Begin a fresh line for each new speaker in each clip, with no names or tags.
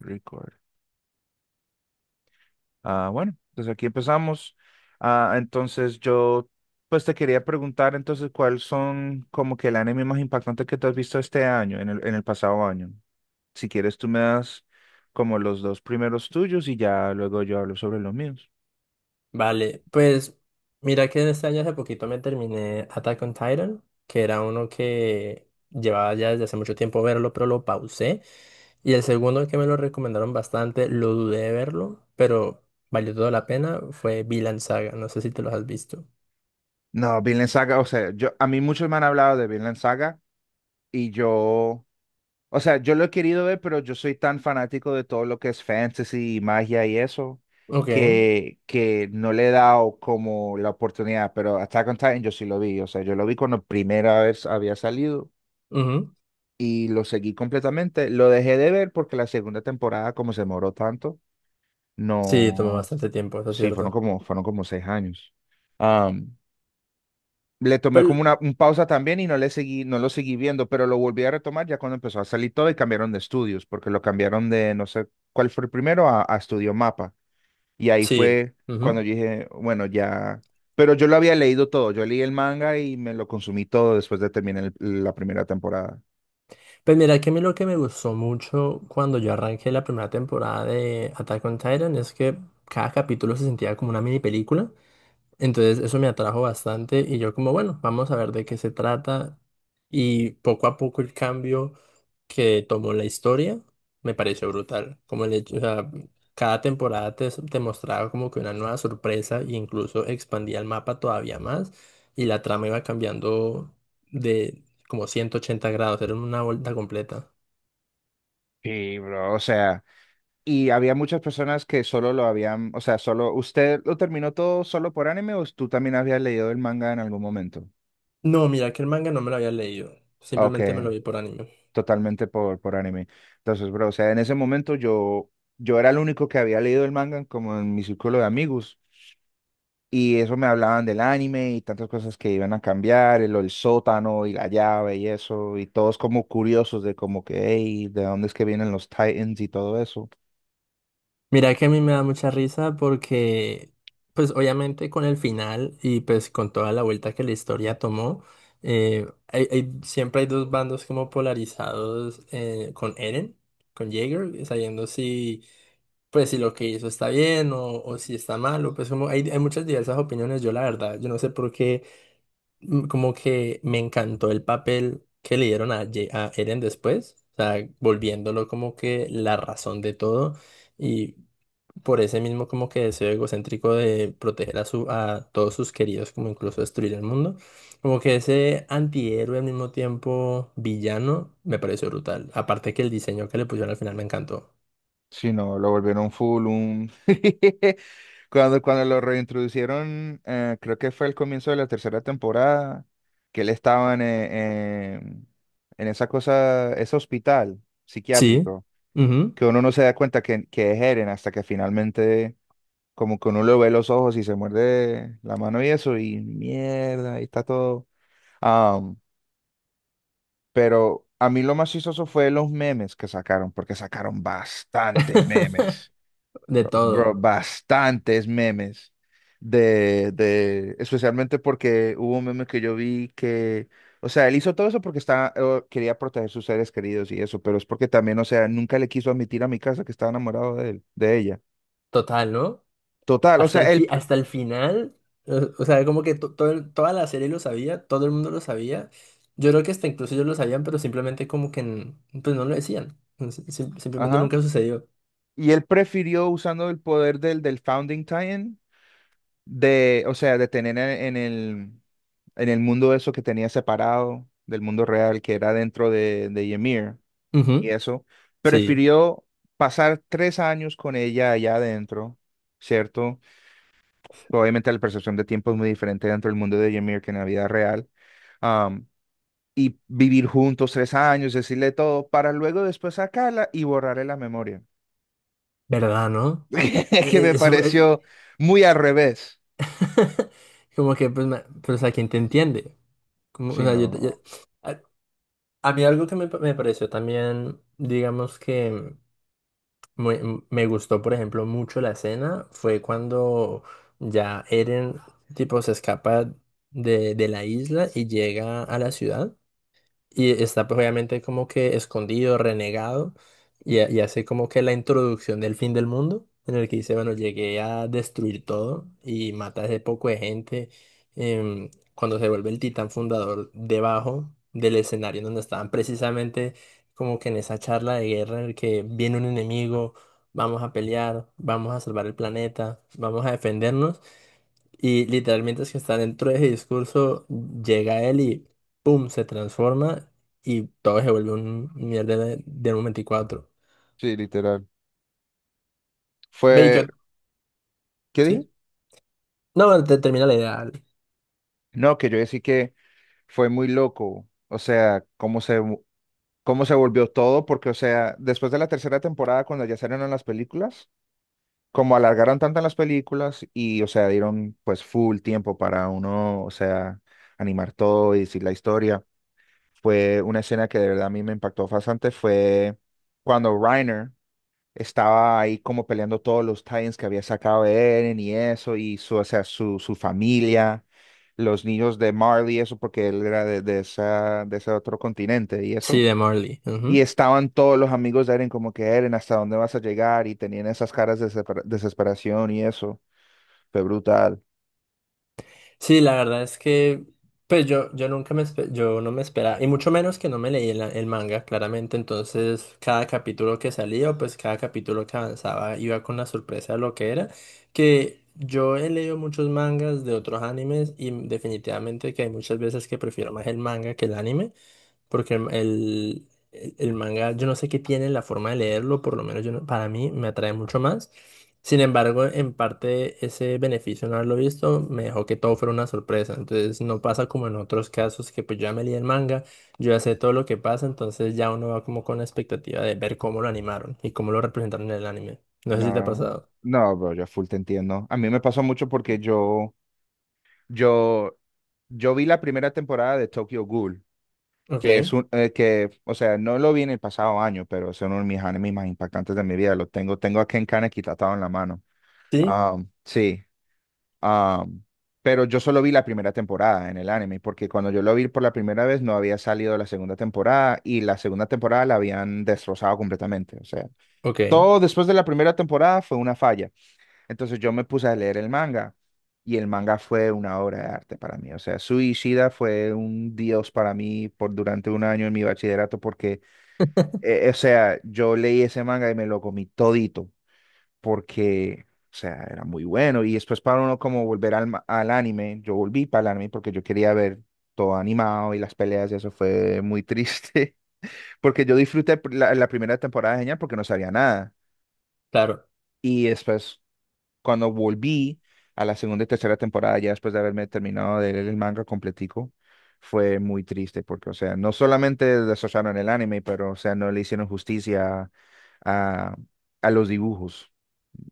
Record. Ah, bueno, entonces aquí empezamos. Ah, entonces yo, pues te quería preguntar entonces cuáles son como que el anime más impactante que te has visto este año, en el pasado año. Si quieres, tú me das como los dos primeros tuyos y ya luego yo hablo sobre los míos.
Vale, pues mira que este año hace poquito me terminé Attack on Titan, que era uno que llevaba ya desde hace mucho tiempo verlo, pero lo pausé. Y el segundo que me lo recomendaron bastante, lo dudé de verlo, pero valió toda la pena, fue Vinland Saga, no sé si te los has visto.
No, Vinland Saga, o sea, yo, a mí muchos me han hablado de Vinland Saga y yo. O sea, yo lo he querido ver, pero yo soy tan fanático de todo lo que es fantasy y magia y eso,
Ok,
que no le he dado como la oportunidad. Pero Attack on Titan yo sí lo vi. O sea, yo lo vi cuando primera vez había salido
ujú.
y lo seguí completamente. Lo dejé de ver porque la segunda temporada, como se demoró tanto,
Sí, tomó
no.
bastante tiempo, eso es
Sí, fueron
cierto.
como, fueron como 6 años. Le tomé
Pero
como una un pausa también y no lo seguí viendo, pero lo volví a retomar ya cuando empezó a salir todo y cambiaron de estudios, porque lo cambiaron de no sé cuál fue el primero a, Estudio Mapa. Y ahí
sí.
fue cuando
Ujú.
yo dije, bueno, ya. Pero yo lo había leído todo, yo leí el manga y me lo consumí todo después de terminar la primera temporada.
Pues mira que a mí lo que me gustó mucho cuando yo arranqué la primera temporada de Attack on Titan es que cada capítulo se sentía como una mini película. Entonces eso me atrajo bastante y yo como, bueno, vamos a ver de qué se trata. Y poco a poco el cambio que tomó la historia me pareció brutal. Como el hecho, o sea, cada temporada te mostraba como que una nueva sorpresa e incluso expandía el mapa todavía más y la trama iba cambiando de como 180 grados, era una vuelta completa.
Sí, bro, o sea, y había muchas personas que solo lo habían, o sea, solo, ¿usted lo terminó todo solo por anime o tú también habías leído el manga en algún momento?
No, mira que el manga no me lo había leído,
Ok.
simplemente me lo vi por anime.
Totalmente por anime. Entonces, bro, o sea, en ese momento yo era el único que había leído el manga como en mi círculo de amigos. Y eso me hablaban del anime y tantas cosas que iban a cambiar, el sótano y la llave y eso, y todos como curiosos de como que, hey, ¿de dónde es que vienen los Titans y todo eso?
Mira que a mí me da mucha risa porque, pues obviamente con el final y pues con toda la vuelta que la historia tomó, siempre hay dos bandos como polarizados, con Eren, con Jaeger, sabiendo si, pues si lo que hizo está bien o si está mal, o pues como hay muchas diversas opiniones, yo la verdad, yo no sé por qué. Como que me encantó el papel que le dieron a Eren después, o sea, volviéndolo como que la razón de todo y por ese mismo como que deseo egocéntrico de proteger a todos sus queridos, como incluso destruir el mundo, como que ese antihéroe al mismo tiempo villano me pareció brutal, aparte que el diseño que le pusieron al final me encantó.
Sí, no, lo volvieron full un. Cuando lo reintroducieron, creo que fue al comienzo de la tercera temporada, que él estaba en esa cosa, ese hospital
Sí.
psiquiátrico,
Ujú.
que uno no se da cuenta que es Eren hasta que finalmente como que uno le ve los ojos y se muerde la mano y eso, y mierda, ahí está todo. Am, pero a mí lo más chistoso fue los memes que sacaron, porque sacaron bastante memes.
De
Bro,
todo,
bastantes memes especialmente porque hubo un meme que yo vi que, o sea, él hizo todo eso porque estaba, quería proteger sus seres queridos y eso, pero es porque también, o sea, nunca le quiso admitir a mi casa que estaba enamorado de él, de ella.
total, ¿no?
Total, o
Hasta el
sea, él,
fi- hasta el final, o sea, como que toda la serie lo sabía, todo el mundo lo sabía. Yo creo que hasta incluso ellos lo sabían, pero simplemente como que pues no lo decían. Simplemente
ajá,
nunca sucedió.
y él prefirió usando el poder del Founding Time, de, o sea, de tener en el mundo eso que tenía separado del mundo real, que era dentro de Ymir. Y
Ujú.
eso,
Sí,
prefirió pasar 3 años con ella allá adentro, ¿cierto? Obviamente la percepción de tiempo es muy diferente dentro del mundo de Ymir que en la vida real. am, y vivir juntos 3 años, decirle todo, para luego después sacarla y borrarle la memoria.
¿verdad, no?
Que me
Eso,
pareció muy al revés.
como que pues, pues a quién te entiende. Como, o
Sí,
sea,
no.
a, a mí algo que me pareció también, digamos que... Muy- me gustó, por ejemplo, mucho la escena. Fue cuando ya Eren, tipo, se escapa de la isla y llega a la ciudad. Y está pues obviamente como que escondido, renegado, y hace como que la introducción del fin del mundo, en el que dice, bueno, llegué a destruir todo y mata a ese poco de gente. Cuando se vuelve el titán fundador debajo del escenario en donde estaban precisamente como que en esa charla de guerra en el que viene un enemigo, vamos a pelear, vamos a salvar el planeta, vamos a defendernos. Y literalmente es que está dentro de ese discurso, llega él pum, se transforma y todo se vuelve un mierda de un 24.
Sí, literal.
Ve,
Fue, ¿qué dije?
¿sí? No, bueno, te termina la idea. Dale.
No, que yo decía que fue muy loco. O sea, cómo se volvió todo, porque, o sea, después de la tercera temporada, cuando ya salieron las películas, como alargaron tanto en las películas y, o sea, dieron pues full tiempo para uno, o sea, animar todo y decir la historia, fue una escena que de verdad a mí me impactó bastante, fue cuando Reiner estaba ahí como peleando todos los tie que había sacado Eren y eso, y su, o sea, su familia. Los niños de Marley, eso porque él era de ese otro continente y
Sí,
eso.
de Morley.
Y
Ujú.
estaban todos los amigos de Eren como que Eren, ¿hasta dónde vas a llegar? Y tenían esas caras de desesperación y eso. Fue brutal.
Sí, la verdad es que, pues yo nunca yo no me esperaba, y mucho menos que no me leí el manga, claramente. Entonces, cada capítulo que salía, o pues cada capítulo que avanzaba, iba con la sorpresa de lo que era. Que yo he leído muchos mangas de otros animes, y definitivamente que hay muchas veces que prefiero más el manga que el anime. Porque el manga, yo no sé qué tiene la forma de leerlo, por lo menos yo no- para mí me atrae mucho más. Sin embargo, en parte ese beneficio no haberlo visto me dejó que todo fuera una sorpresa. Entonces no pasa como en otros casos que pues yo ya me leí el manga, yo ya sé todo lo que pasa, entonces ya uno va como con la expectativa de ver cómo lo animaron y cómo lo representaron en el anime. No sé si te ha
No,
pasado.
no, bro, yo full te entiendo. A mí me pasó mucho porque yo, yo vi la primera temporada de Tokyo Ghoul,
Ok,
que es un, que, o sea, no lo vi en el pasado año, pero es uno de mis animes más impactantes de mi vida. Tengo a Ken Kaneki tatuado en la mano.
sí,
Ah, sí. Am, pero yo solo vi la primera temporada en el anime, porque cuando yo lo vi por la primera vez no había salido la segunda temporada y la segunda temporada la habían destrozado completamente. O sea,
ok,
todo después de la primera temporada fue una falla. Entonces yo me puse a leer el manga y el manga fue una obra de arte para mí. O sea, Suicida fue un dios para mí por durante un año en mi bachillerato porque, o sea, yo leí ese manga y me lo comí todito porque, o sea, era muy bueno. Y después para uno como volver al anime, yo volví para el anime porque yo quería ver todo animado y las peleas y eso fue muy triste, porque yo disfruté la primera temporada de genial porque no sabía nada.
claro.
Y después, cuando volví a la segunda y tercera temporada, ya después de haberme terminado de leer el manga completico, fue muy triste porque, o sea, no solamente desocharon el anime, pero, o sea, no le hicieron justicia a, a los dibujos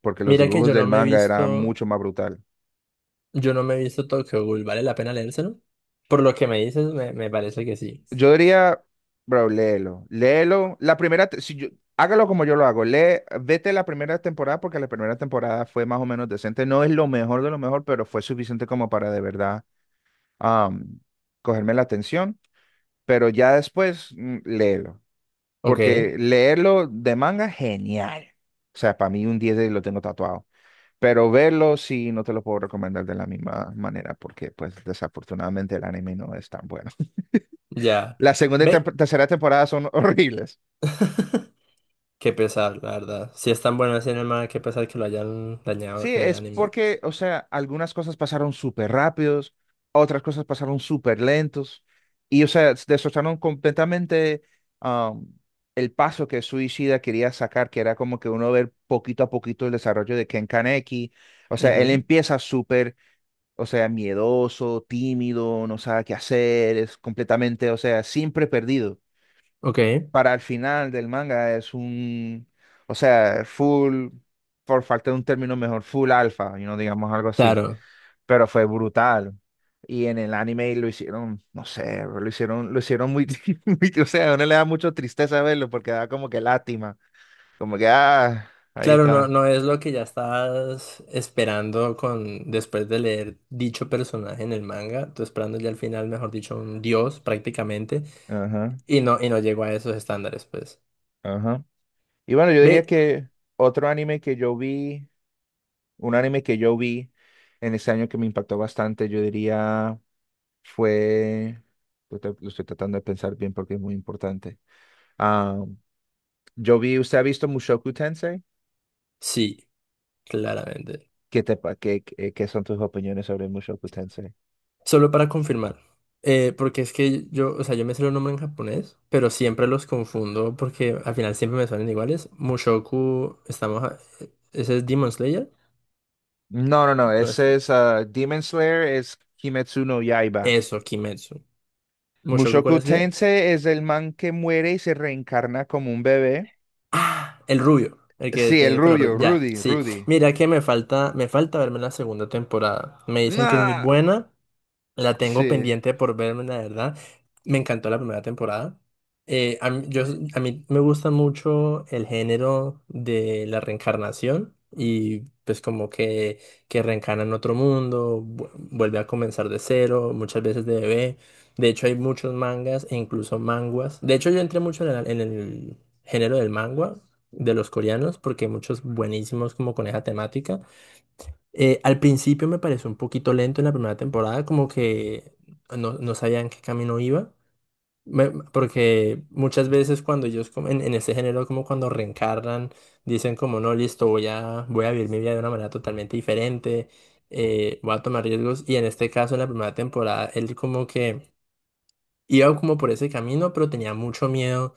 porque los
Mira que
dibujos
yo no
del
me he
manga eran
visto.
mucho más brutal.
Yo no me he visto Tokyo Ghoul, ¿vale la pena leérselo? Por lo que me dices, me parece que sí.
Yo diría, bro, léelo, léelo. La primera, si yo, hágalo como yo lo hago, lee, vete la primera temporada porque la primera temporada fue más o menos decente. No es lo mejor de lo mejor, pero fue suficiente como para de verdad am, cogerme la atención. Pero ya después, léelo,
Ok,
porque leerlo de manga, genial. O sea, para mí un 10 lo tengo tatuado. Pero verlo sí, no te lo puedo recomendar de la misma manera porque pues desafortunadamente el anime no es tan bueno.
ya.
La segunda y
Ve.
tercera temporada son horribles.
Qué pesar, la verdad. Si es tan bueno el cinema, qué pesar que lo hayan dañado
Sí,
en el
es
anime.
porque, o sea, algunas cosas pasaron súper rápidos, otras cosas pasaron súper lentos y, o sea, destrozaron completamente um, el paso que Suicida quería sacar, que era como que uno ver poquito a poquito el desarrollo de Ken Kaneki. O sea, él
Ujú.
empieza súper. O sea, miedoso, tímido, no sabe qué hacer, es completamente, o sea, siempre perdido.
Ok,
Para el final del manga es un, o sea, full, por falta de un término mejor, full alfa, y no digamos algo así.
claro.
Pero fue brutal. Y en el anime lo hicieron, no sé, bro, lo hicieron muy, muy. O sea, a uno le da mucho tristeza verlo porque da como que lástima, como que, ah, ahí
Claro, no,
está.
no es lo que ya estás esperando con después de leer dicho personaje en el manga. Tú esperando ya al final, mejor dicho, un dios prácticamente.
Ajá,
Y no llegó a esos estándares, pues.
ajá. Y bueno, yo diría
Ve,
que otro anime que yo vi. Un anime que yo vi en ese año que me impactó bastante, yo diría, fue, lo estoy tratando de pensar bien porque es muy importante. Ah, yo vi, ¿usted ha visto Mushoku Tensei?
sí, claramente.
¿Qué te, pa- qué, qué- qué son tus opiniones sobre Mushoku Tensei?
Solo para confirmar, porque es que yo, o sea, yo me sé los nombres en japonés, pero siempre los confundo porque al final siempre me salen iguales. Mushoku, estamos, ese es Demon Slayer,
No, no, no,
no
ese
está.
es ah, Demon Slayer, es Kimetsu no Yaiba.
Eso, Kimetsu. Mushoku,
Mushoku
¿cuál es que es?
Tensei es el man que muere y se reencarna como un bebé.
Ah, el rubio, el que
Sí,
tiene
el
el pelo rubio.
rubio,
Ya,
Rudy,
sí.
Rudy.
Mira que me falta verme la segunda temporada. Me dicen que es muy
¡Nah!
buena. La tengo
Sí.
pendiente por verme, la verdad. Me encantó la primera temporada. Eh, a mí, yo, a mí me gusta mucho el género de la reencarnación y pues como que reencarna en otro mundo, vuelve a comenzar de cero, muchas veces de bebé. De hecho hay muchos mangas e incluso manguas. De hecho yo entré mucho en el género del mangua de los coreanos porque hay muchos buenísimos como con esa temática. Al principio me pareció un poquito lento en la primera temporada, como que no, no sabían qué camino iba. Porque muchas veces cuando ellos como en este género, como cuando reencarnan, dicen como no, listo, voy a vivir mi vida de una manera totalmente diferente, voy a tomar riesgos, y en este caso en la primera temporada él como que iba como por ese camino, pero tenía mucho miedo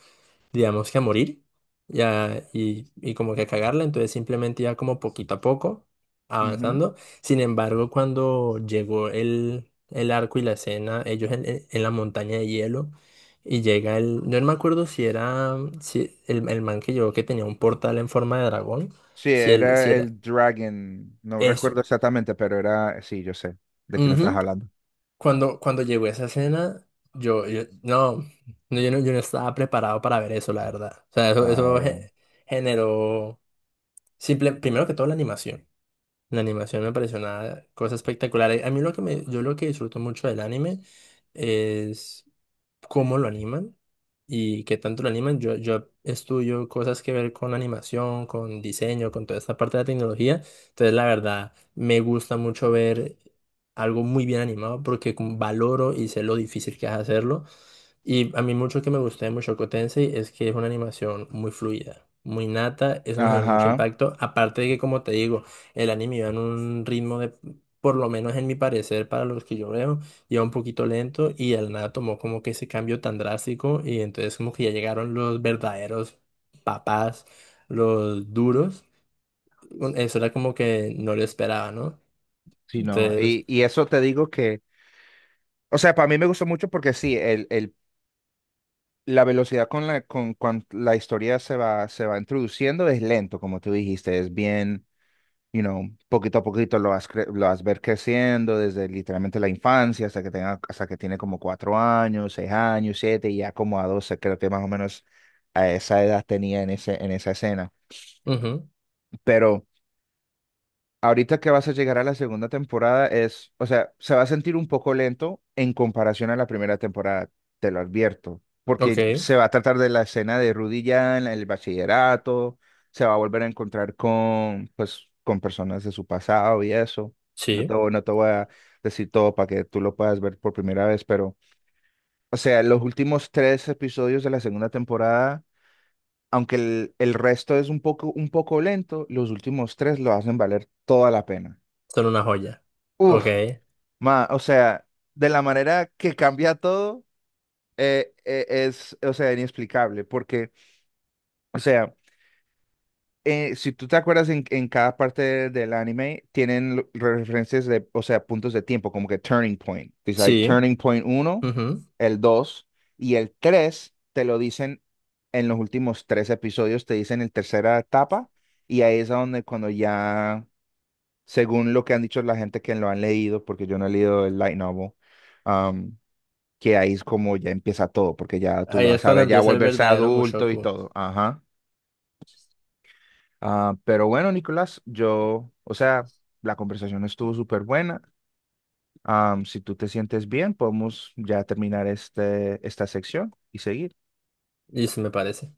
digamos que a morir ya, y como que a cagarla, entonces simplemente iba como poquito a poco avanzando. Sin embargo, cuando llegó el arco y la escena, ellos en la montaña de hielo, y llega el, yo no me acuerdo si era si el man que llegó que tenía un portal en forma de dragón,
Sí,
si, él, si
era
era
el Dragon. No recuerdo
eso.
exactamente, pero era. Sí, yo sé de quién estás
Ujú.
hablando.
Cuando llegó esa escena, no, no, yo no estaba preparado para ver eso, la verdad. O sea, eso,
Ah,
eso generó. Simple, primero que todo la animación. La animación me pareció una cosa espectacular. A mí lo que yo lo que disfruto mucho del anime es cómo lo animan y qué tanto lo animan. Yo estudio cosas que ver con animación, con diseño, con toda esta parte de la tecnología. Entonces, la verdad, me gusta mucho ver algo muy bien animado porque como valoro y sé lo difícil que es hacerlo. Y a mí mucho que me gustó de Mushoku Tensei es que es una animación muy fluida, muy nata, eso me generó mucho
ajá.
impacto. Aparte de que, como te digo, el anime iba en un ritmo de, por lo menos en mi parecer, para los que yo veo, iba un poquito lento y al nada tomó como que ese cambio tan drástico y entonces como que ya llegaron los verdaderos papás, los duros. Eso era como que no lo esperaba, ¿no?
Sí, no.
Entonces,
Y eso te digo que. O sea, para mí me gustó mucho porque sí, la velocidad con la historia se va introduciendo es lento, como tú dijiste. Es bien. you know, Poquito a poquito lo vas ver creciendo desde literalmente la infancia hasta que tenga, hasta que tiene como 4 años, 6 años, 7, y ya como a 12, creo que más o menos a esa edad tenía en ese, en esa escena.
ujú,
Pero ahorita que vas a llegar a la segunda temporada es, o sea, se va a sentir un poco lento en comparación a la primera temporada, te lo advierto, porque
ok,
se va a tratar de la escena de Rudy ya en el bachillerato, se va a volver a encontrar con, pues, con personas de su pasado y eso. No te,
sí,
voy- no te voy a decir todo para que tú lo puedas ver por primera vez, pero, o sea, los últimos tres episodios de la segunda temporada, aunque el resto es un poco lento, los últimos tres lo hacen valer toda la pena.
son una joya. Ok,
Uf, ma, o sea, de la manera que cambia todo, es, o sea, inexplicable, porque, o sea, si tú te acuerdas, en cada parte del anime tienen referencias de, o sea, puntos de tiempo, como que turning point. Dice, hay
sí.
turning point uno,
Ujú.
el 2 y el 3 te lo dicen en los últimos tres episodios, te dicen el tercera etapa y ahí es a donde cuando ya, según lo que han dicho la gente que lo han leído, porque yo no he leído el light novel, um, que ahí es como ya empieza todo, porque ya tú
Ahí
lo
es cuando
sabes, ya
empieza el
volverse
verdadero
adulto y
Mushoku,
todo. Ajá. Ah, pero bueno, Nicolás, yo, o sea, la conversación estuvo súper buena. Am, si tú te sientes bien, podemos ya terminar este, esta sección y seguir.
y eso me parece.